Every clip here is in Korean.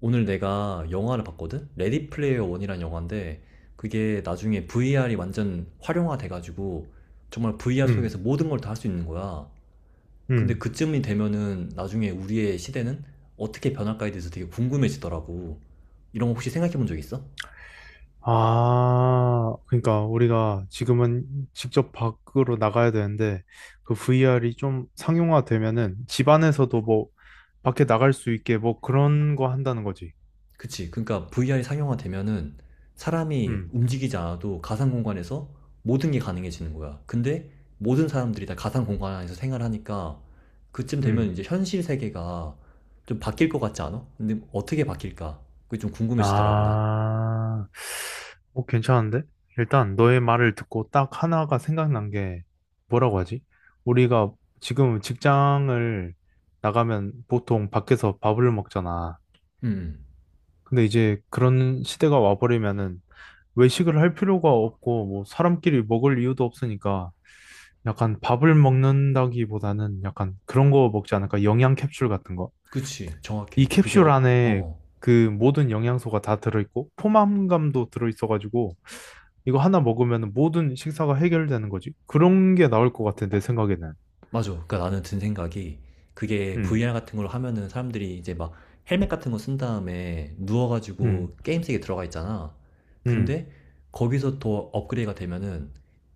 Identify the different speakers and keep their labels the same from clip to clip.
Speaker 1: 오늘 내가 영화를 봤거든? 레디 플레이어 원이라는 영화인데 그게 나중에 VR이 완전 활용화돼가지고 정말 VR 속에서
Speaker 2: 음,
Speaker 1: 모든 걸 다 할 수 있는 거야. 근데
Speaker 2: 음.
Speaker 1: 그쯤이 되면은 나중에 우리의 시대는 어떻게 변할까에 대해서 되게 궁금해지더라고. 이런 거 혹시 생각해 본 적 있어?
Speaker 2: 아, 그러니까 우리가 지금은 직접 밖으로 나가야 되는데 그 VR이 좀 상용화되면은 집 안에서도 뭐 밖에 나갈 수 있게 뭐 그런 거 한다는 거지.
Speaker 1: 그치. 그러니까 VR이 상용화되면은 사람이
Speaker 2: 음,
Speaker 1: 움직이지 않아도 가상 공간에서 모든 게 가능해지는 거야. 근데 모든 사람들이 다 가상 공간 안에서 생활하니까 그쯤 되면
Speaker 2: 음.
Speaker 1: 이제 현실 세계가 좀 바뀔 것 같지 않아? 근데 어떻게 바뀔까? 그게 좀 궁금해지더라고, 난.
Speaker 2: 아, 어, 괜찮은데? 일단 너의 말을 듣고 딱 하나가 생각난 게 뭐라고 하지? 우리가 지금 직장을 나가면 보통 밖에서 밥을 먹잖아.
Speaker 1: 음, 음.
Speaker 2: 근데 이제 그런 시대가 와버리면은 외식을 할 필요가 없고 뭐 사람끼리 먹을 이유도 없으니까 약간 밥을 먹는다기보다는 약간 그런 거 먹지 않을까? 영양 캡슐 같은 거.
Speaker 1: 그치.
Speaker 2: 이
Speaker 1: 정확해. 그게 어,
Speaker 2: 캡슐
Speaker 1: 어,
Speaker 2: 안에
Speaker 1: 어.
Speaker 2: 그 모든 영양소가 다 들어있고 포만감도 들어있어가지고 이거 하나 먹으면 모든 식사가 해결되는 거지. 그런 게 나올 것 같아, 내 생각에는.
Speaker 1: 맞아. 그러니까 나는 든 생각이 그게
Speaker 2: 음,
Speaker 1: VR 같은 걸로 하면은 사람들이 이제 막 헬멧 같은 거 쓴 다음에
Speaker 2: 음,
Speaker 1: 누워가지고 게임 세계 들어가 있잖아.
Speaker 2: 음.
Speaker 1: 근데 거기서 더 업그레이드가 되면은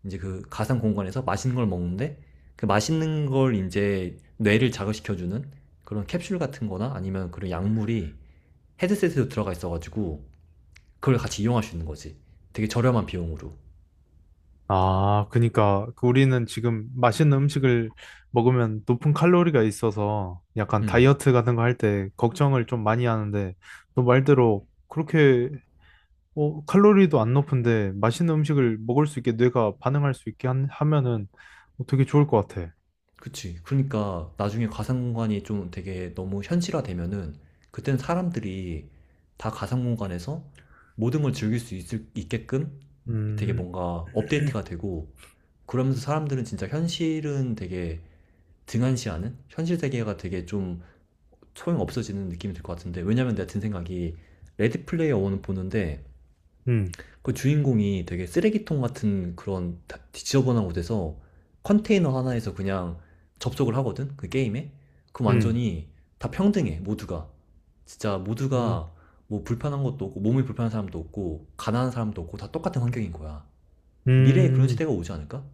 Speaker 1: 이제 그 가상 공간에서 맛있는 걸 먹는데 그 맛있는 걸 이제 뇌를 자극시켜주는 그런 캡슐 같은 거나 아니면 그런 약물이 헤드셋에도 들어가 있어가지고 그걸 같이 이용할 수 있는 거지. 되게 저렴한 비용으로.
Speaker 2: 아, 그니까 우리는 지금 맛있는 음식을 먹으면 높은 칼로리가 있어서 약간
Speaker 1: 음.
Speaker 2: 다이어트 같은 거 할 때 걱정을 좀 많이 하는데 너 말대로 그렇게 어, 칼로리도 안 높은데 맛있는 음식을 먹을 수 있게 뇌가 반응할 수 있게 하면은 어, 되게 좋을 것 같아.
Speaker 1: 그치. 그러니까 나중에 가상공간이 좀 되게 너무 현실화되면은 그때는 사람들이 다 가상공간에서 모든 걸 즐길 수 있을, 있게끔 되게
Speaker 2: 음,
Speaker 1: 뭔가 업데이트가 되고 그러면서 사람들은 진짜 현실은 되게 등한시하는 현실 세계가 되게 좀 소용없어지는 느낌이 들 것 같은데 왜냐면 내가 든 생각이 레드 플레이어 원은 보는데
Speaker 2: 음,
Speaker 1: 그 주인공이 되게 쓰레기통 같은 그런 지저분한 곳에서 컨테이너 하나에서 그냥 접속을 하거든? 그 게임에? 그럼
Speaker 2: 음,
Speaker 1: 완전히 다 평등해, 모두가. 진짜
Speaker 2: 음,
Speaker 1: 모두가 뭐 불편한 것도 없고, 몸이 불편한 사람도 없고, 가난한 사람도 없고, 다 똑같은 환경인 거야. 미래에 그런
Speaker 2: 음,
Speaker 1: 시대가 오지 않을까?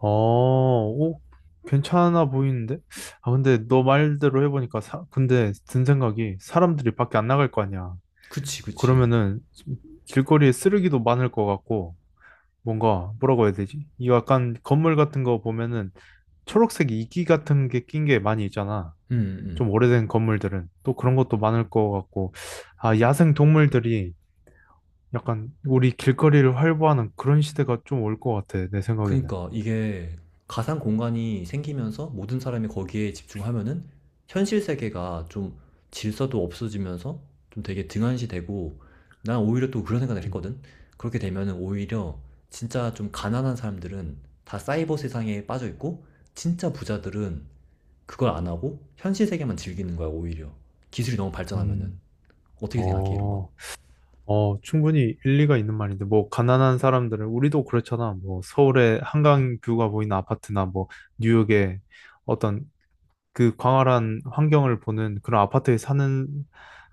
Speaker 2: 어, 오, 괜찮아 보이는데? 아, 근데 너 말대로 해보니까 근데 든 생각이 사람들이 밖에 안 나갈 거 아니야.
Speaker 1: 그치, 그치.
Speaker 2: 그러면은 길거리에 쓰레기도 많을 것 같고 뭔가 뭐라고 해야 되지? 이 약간 건물 같은 거 보면은 초록색 이끼 같은 게 낀 게 많이 있잖아. 좀
Speaker 1: 음.
Speaker 2: 오래된 건물들은 또 그런 것도 많을 것 같고 아 야생 동물들이 약간 우리 길거리를 활보하는 그런 시대가 좀 올 것 같아 내 생각에는.
Speaker 1: 그니까 이게 가상 공간이 생기면서 모든 사람이 거기에 집중하면은 현실 세계가 좀 질서도 없어지면서 좀 되게 등한시되고 난 오히려 또 그런 생각을
Speaker 2: 음.
Speaker 1: 했거든. 그렇게 되면은 오히려 진짜 좀 가난한 사람들은 다 사이버 세상에 빠져 있고 진짜 부자들은 그걸 안 하고 현실 세계만 즐기는 거야, 오히려. 기술이 너무 발전하면은.
Speaker 2: 음.
Speaker 1: 어떻게 생각해, 이런 건?
Speaker 2: 어, 어, 충분히 일리가 있는 말인데, 뭐, 가난한 사람들은, 우리도 그렇잖아. 뭐, 서울의 한강 뷰가 보이는 아파트나, 뭐, 뉴욕의 어떤 그 광활한 환경을 보는 그런 아파트에 사는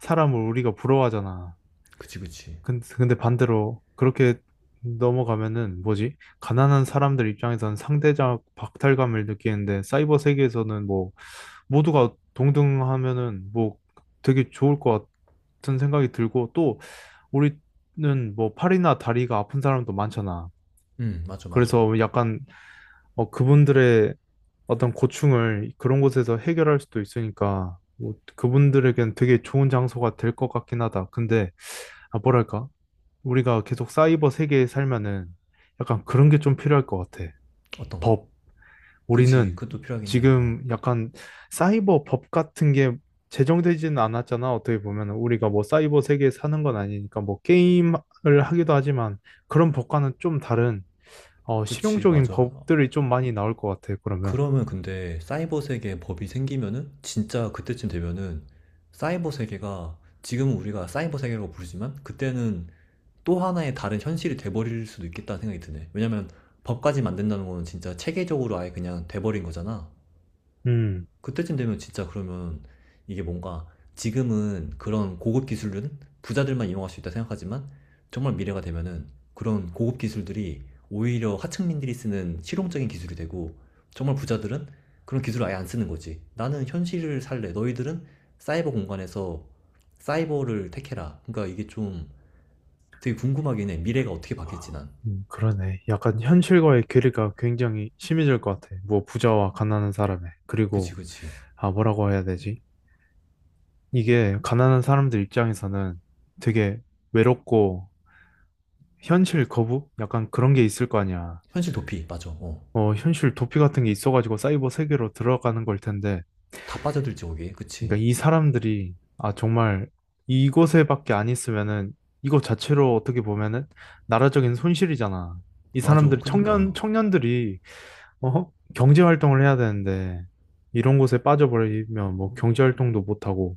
Speaker 2: 사람을 우리가 부러워하잖아.
Speaker 1: 그치, 그치.
Speaker 2: 근데 반대로 그렇게 넘어가면은 뭐지? 가난한 사람들 입장에서는 상대적 박탈감을 느끼는데 사이버 세계에서는 뭐 모두가 동등하면은 뭐 되게 좋을 것 같은 생각이 들고 또 우리는 뭐 팔이나 다리가 아픈 사람도 많잖아.
Speaker 1: 응, 맞아, 맞아.
Speaker 2: 그래서 약간 어, 그분들의 어떤 고충을 그런 곳에서 해결할 수도 있으니까 뭐 그분들에겐 되게 좋은 장소가 될 것 같긴 하다. 근데 아, 뭐랄까? 우리가 계속 사이버 세계에 살면은 약간 그런 게 좀 필요할 것 같아.
Speaker 1: 어떤 거? 그치,
Speaker 2: 우리는
Speaker 1: 그것도 필요하긴 해. 어.
Speaker 2: 지금 약간 사이버 법 같은 게 제정되지는 않았잖아. 어떻게 보면 우리가 뭐 사이버 세계에 사는 건 아니니까 뭐 게임을 하기도 하지만 그런 법과는 좀 다른 어,
Speaker 1: 그치,
Speaker 2: 실용적인
Speaker 1: 맞아.
Speaker 2: 법들이 좀 많이 나올 것 같아. 그러면.
Speaker 1: 그러면 근데 사이버 세계에 법이 생기면은 진짜 그때쯤 되면은 사이버 세계가 지금은 우리가 사이버 세계라고 부르지만 그때는 또 하나의 다른 현실이 돼버릴 수도 있겠다는 생각이 드네. 왜냐면 법까지 만든다는 거는 진짜 체계적으로 아예 그냥 돼버린 거잖아.
Speaker 2: 음.
Speaker 1: 그때쯤 되면 진짜 그러면 이게 뭔가 지금은 그런 고급 기술은 부자들만 이용할 수 있다 생각하지만 정말 미래가 되면은 그런 고급 기술들이 오히려 하층민들이 쓰는 실용적인 기술이 되고 정말 부자들은 그런 기술을 아예 안 쓰는 거지. 나는 현실을 살래. 너희들은 사이버 공간에서 사이버를 택해라. 그러니까 이게 좀 되게 궁금하긴 해. 미래가 어떻게 바뀔지 난.
Speaker 2: 그러네. 약간 현실과의 괴리가 굉장히 심해질 것 같아. 뭐 부자와 가난한 사람의.
Speaker 1: 그치,
Speaker 2: 그리고
Speaker 1: 그치.
Speaker 2: 아 뭐라고 해야 되지? 이게 가난한 사람들 입장에서는 되게 외롭고 현실 거부? 약간 그런 게 있을 거 아니야.
Speaker 1: 현실 도피, 맞아. 어.
Speaker 2: 어, 현실 도피 같은 게 있어가지고 사이버 세계로 들어가는 걸 텐데.
Speaker 1: 다 빠져들지, 거기에. 그치.
Speaker 2: 그러니까 이 사람들이 아 정말 이곳에밖에 안 있으면은 이거 자체로 어떻게 보면은 나라적인 손실이잖아. 이
Speaker 1: 맞아.
Speaker 2: 사람들이
Speaker 1: 그니까.
Speaker 2: 청년들이 어? 경제 활동을 해야 되는데 이런 곳에 빠져버리면 뭐 경제 활동도 못 하고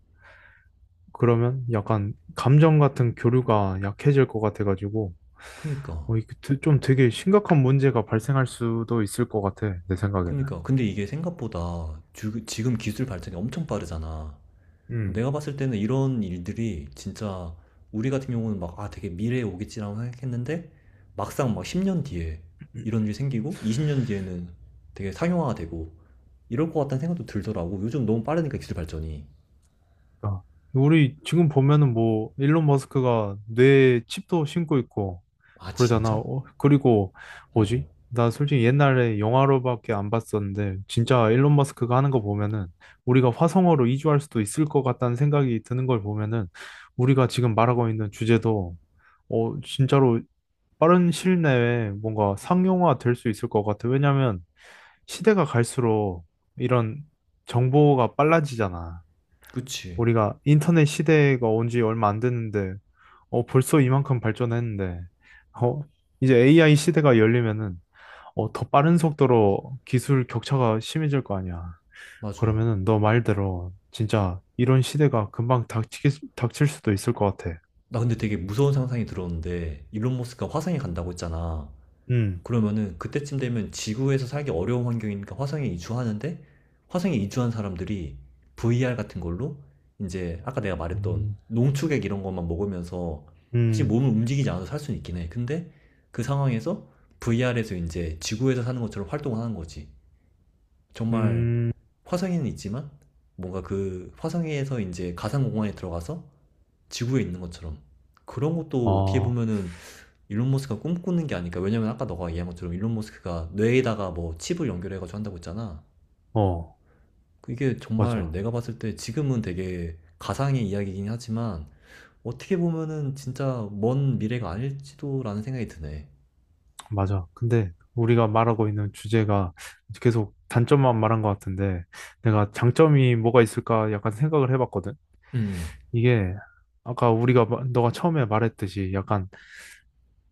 Speaker 2: 그러면 약간 감정 같은 교류가 약해질 것 같아가지고
Speaker 1: 그니까.
Speaker 2: 어, 이게 좀 되게 심각한 문제가 발생할 수도 있을 것 같아 내 생각에는.
Speaker 1: 그니까. 근데 이게 생각보다 지금 기술 발전이 엄청 빠르잖아.
Speaker 2: 음.
Speaker 1: 내가 봤을 때는 이런 일들이 진짜 우리 같은 경우는 막, 아, 되게 미래에 오겠지라고 생각했는데 막상 막 10년 뒤에 이런 일이 생기고 20년 뒤에는 되게 상용화가 되고 이럴 것 같다는 생각도 들더라고. 요즘 너무 빠르니까 기술 발전이.
Speaker 2: 그러니까 우리 지금 보면은 뭐 일론 머스크가 뇌에 칩도 신고 있고
Speaker 1: 아,
Speaker 2: 그러잖아.
Speaker 1: 진짜?
Speaker 2: 어, 그리고
Speaker 1: 어, 어.
Speaker 2: 뭐지? 나 솔직히 옛날에 영화로밖에 안 봤었는데 진짜 일론 머스크가 하는 거 보면은 우리가 화성으로 이주할 수도 있을 것 같다는 생각이 드는 걸 보면은 우리가 지금 말하고 있는 주제도 어 진짜로 빠른 시일 내에 뭔가 상용화 될 수 있을 것 같아. 왜냐면 시대가 갈수록 이런 정보가 빨라지잖아.
Speaker 1: 그치.
Speaker 2: 우리가 인터넷 시대가 온지 얼마 안 됐는데, 어, 벌써 이만큼 발전했는데, 어, 이제 AI 시대가 열리면은, 어, 더 빠른 속도로 기술 격차가 심해질 거 아니야.
Speaker 1: 맞아.
Speaker 2: 그러면은 너 말대로 진짜 이런 시대가 금방 닥치 닥칠 수도 있을 것 같아.
Speaker 1: 나 근데 되게 무서운 상상이 들었는데 일론 머스크가 화성에 간다고 했잖아.
Speaker 2: 음,
Speaker 1: 그러면은 그때쯤 되면 지구에서 살기 어려운 환경이니까 화성에 이주하는데 화성에 이주한 사람들이 VR 같은 걸로 이제 아까 내가 말했던
Speaker 2: 음,
Speaker 1: 농축액 이런 것만 먹으면서 사실
Speaker 2: 음,
Speaker 1: 몸을 움직이지 않아도 살 수는 있긴 해. 근데 그 상황에서 VR에서 이제 지구에서 사는 것처럼 활동을 하는 거지. 정말
Speaker 2: 음,
Speaker 1: 화성에는 있지만 뭔가 그 화성에서 이제 가상 공간에 들어가서 지구에 있는 것처럼 그런 것도 어떻게
Speaker 2: 아,
Speaker 1: 보면은 일론 머스크가 꿈꾸는 게 아닐까. 왜냐면 아까 너가 얘기한 것처럼 일론 머스크가 뇌에다가 뭐 칩을 연결해가지고 한다고 했잖아.
Speaker 2: 어,
Speaker 1: 그게 정말
Speaker 2: 맞아.
Speaker 1: 내가 봤을 때 지금은 되게 가상의 이야기이긴 하지만 어떻게 보면은 진짜 먼 미래가 아닐지도라는 생각이 드네.
Speaker 2: 맞아. 근데 우리가 말하고 있는 주제가 계속 단점만 말한 것 같은데 내가 장점이 뭐가 있을까 약간 생각을 해봤거든.
Speaker 1: 음,
Speaker 2: 이게 아까 우리가 너가 처음에 말했듯이 약간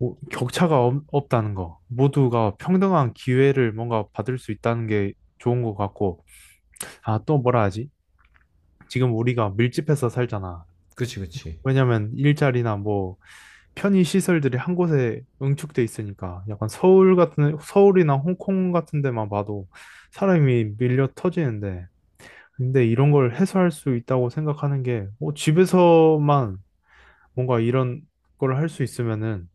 Speaker 2: 격차가 없다는 거. 모두가 평등한 기회를 뭔가 받을 수 있다는 게 좋은 것 같고 아, 또 뭐라 하지? 지금 우리가 밀집해서 살잖아.
Speaker 1: 그치, 그치.
Speaker 2: 왜냐면 일자리나 뭐 편의 시설들이 한 곳에 응축돼 있으니까 약간 서울이나 홍콩 같은 데만 봐도 사람이 밀려 터지는데 근데 이런 걸 해소할 수 있다고 생각하는 게 어, 집에서만 뭔가 이런 걸 할 수 있으면은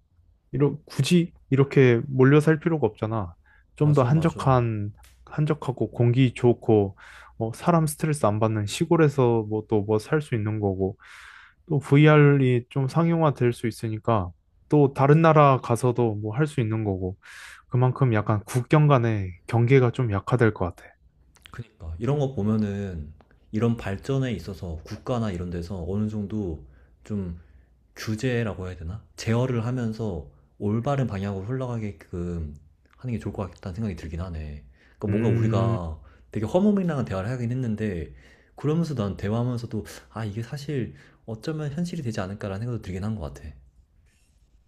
Speaker 2: 굳이 이렇게 몰려 살 필요가 없잖아. 좀 더
Speaker 1: 맞아, 맞아.
Speaker 2: 한적한 한적하고 공기 좋고 어, 사람 스트레스 안 받는 시골에서 뭐 또 뭐 살 수 있는 거고 또 VR이 좀 상용화 될 수 있으니까 또 다른 나라 가서도 뭐 할 수 있는 거고 그만큼 약간 국경 간의 경계가 좀 약화될 것 같아.
Speaker 1: 그니까. 이런 거 보면은 이런 발전에 있어서 국가나 이런 데서 어느 정도 좀 규제라고 해야 되나? 제어를 하면서 올바른 방향으로 흘러가게끔 하는 게 좋을 것 같다는 생각이 들긴 하네. 그러니까 뭔가
Speaker 2: 음,
Speaker 1: 우리가 되게 허무맹랑한 대화를 하긴 했는데 그러면서 난 대화하면서도 아 이게 사실 어쩌면 현실이 되지 않을까라는 생각도 들긴 한 것 같아.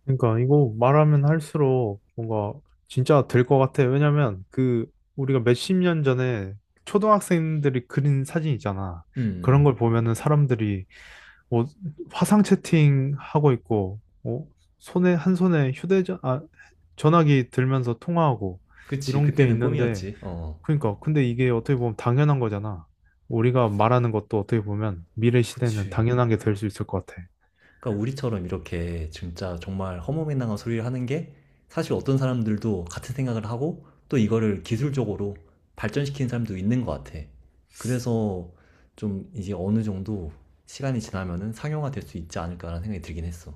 Speaker 2: 그러니까 이거 말하면 할수록 뭔가 진짜 될 것 같아. 왜냐면 그 우리가 몇십 년 전에 초등학생들이 그린 사진 있잖아. 그런
Speaker 1: 음.
Speaker 2: 걸 보면은 사람들이 뭐 화상 채팅 하고 있고, 뭐 손에 한 손에 휴대전 아 전화기 들면서 통화하고
Speaker 1: 그치.
Speaker 2: 이런 게
Speaker 1: 그때는
Speaker 2: 있는데
Speaker 1: 꿈이었지. 어,
Speaker 2: 그러니까 근데 이게 어떻게 보면 당연한 거잖아. 우리가 말하는 것도 어떻게 보면 미래 시대에는
Speaker 1: 그치.
Speaker 2: 당연한 게 될 수 있을 것 같아.
Speaker 1: 그러니까 우리처럼 이렇게 진짜 정말 허무맹랑한 소리를 하는 게 사실 어떤 사람들도 같은 생각을 하고 또 이거를 기술적으로 발전시키는 사람도 있는 것 같아. 그래서 좀 이제 어느 정도 시간이 지나면은 상용화 될 수 있지 않을까라는 생각이 들긴 했어.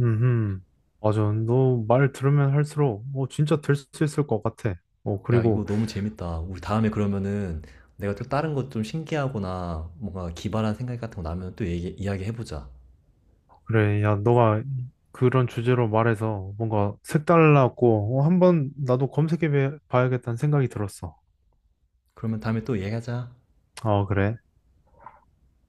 Speaker 2: 음, 맞아. 너 말 들으면 할수록 어, 진짜 될 수 있을 것 같아. 어,
Speaker 1: 야, 이거
Speaker 2: 그리고
Speaker 1: 너무 재밌다. 우리 다음에 그러면은 내가 또 다른 것 좀 신기하거나 뭔가 기발한 생각 같은 거 나면 또 이야기해보자.
Speaker 2: 그래, 야, 너가 그런 주제로 말해서 뭔가 색달랐고 어, 한번 나도 검색해 봐야겠다는 생각이 들었어.
Speaker 1: 그러면 다음에 또 얘기하자.
Speaker 2: 어, 그래.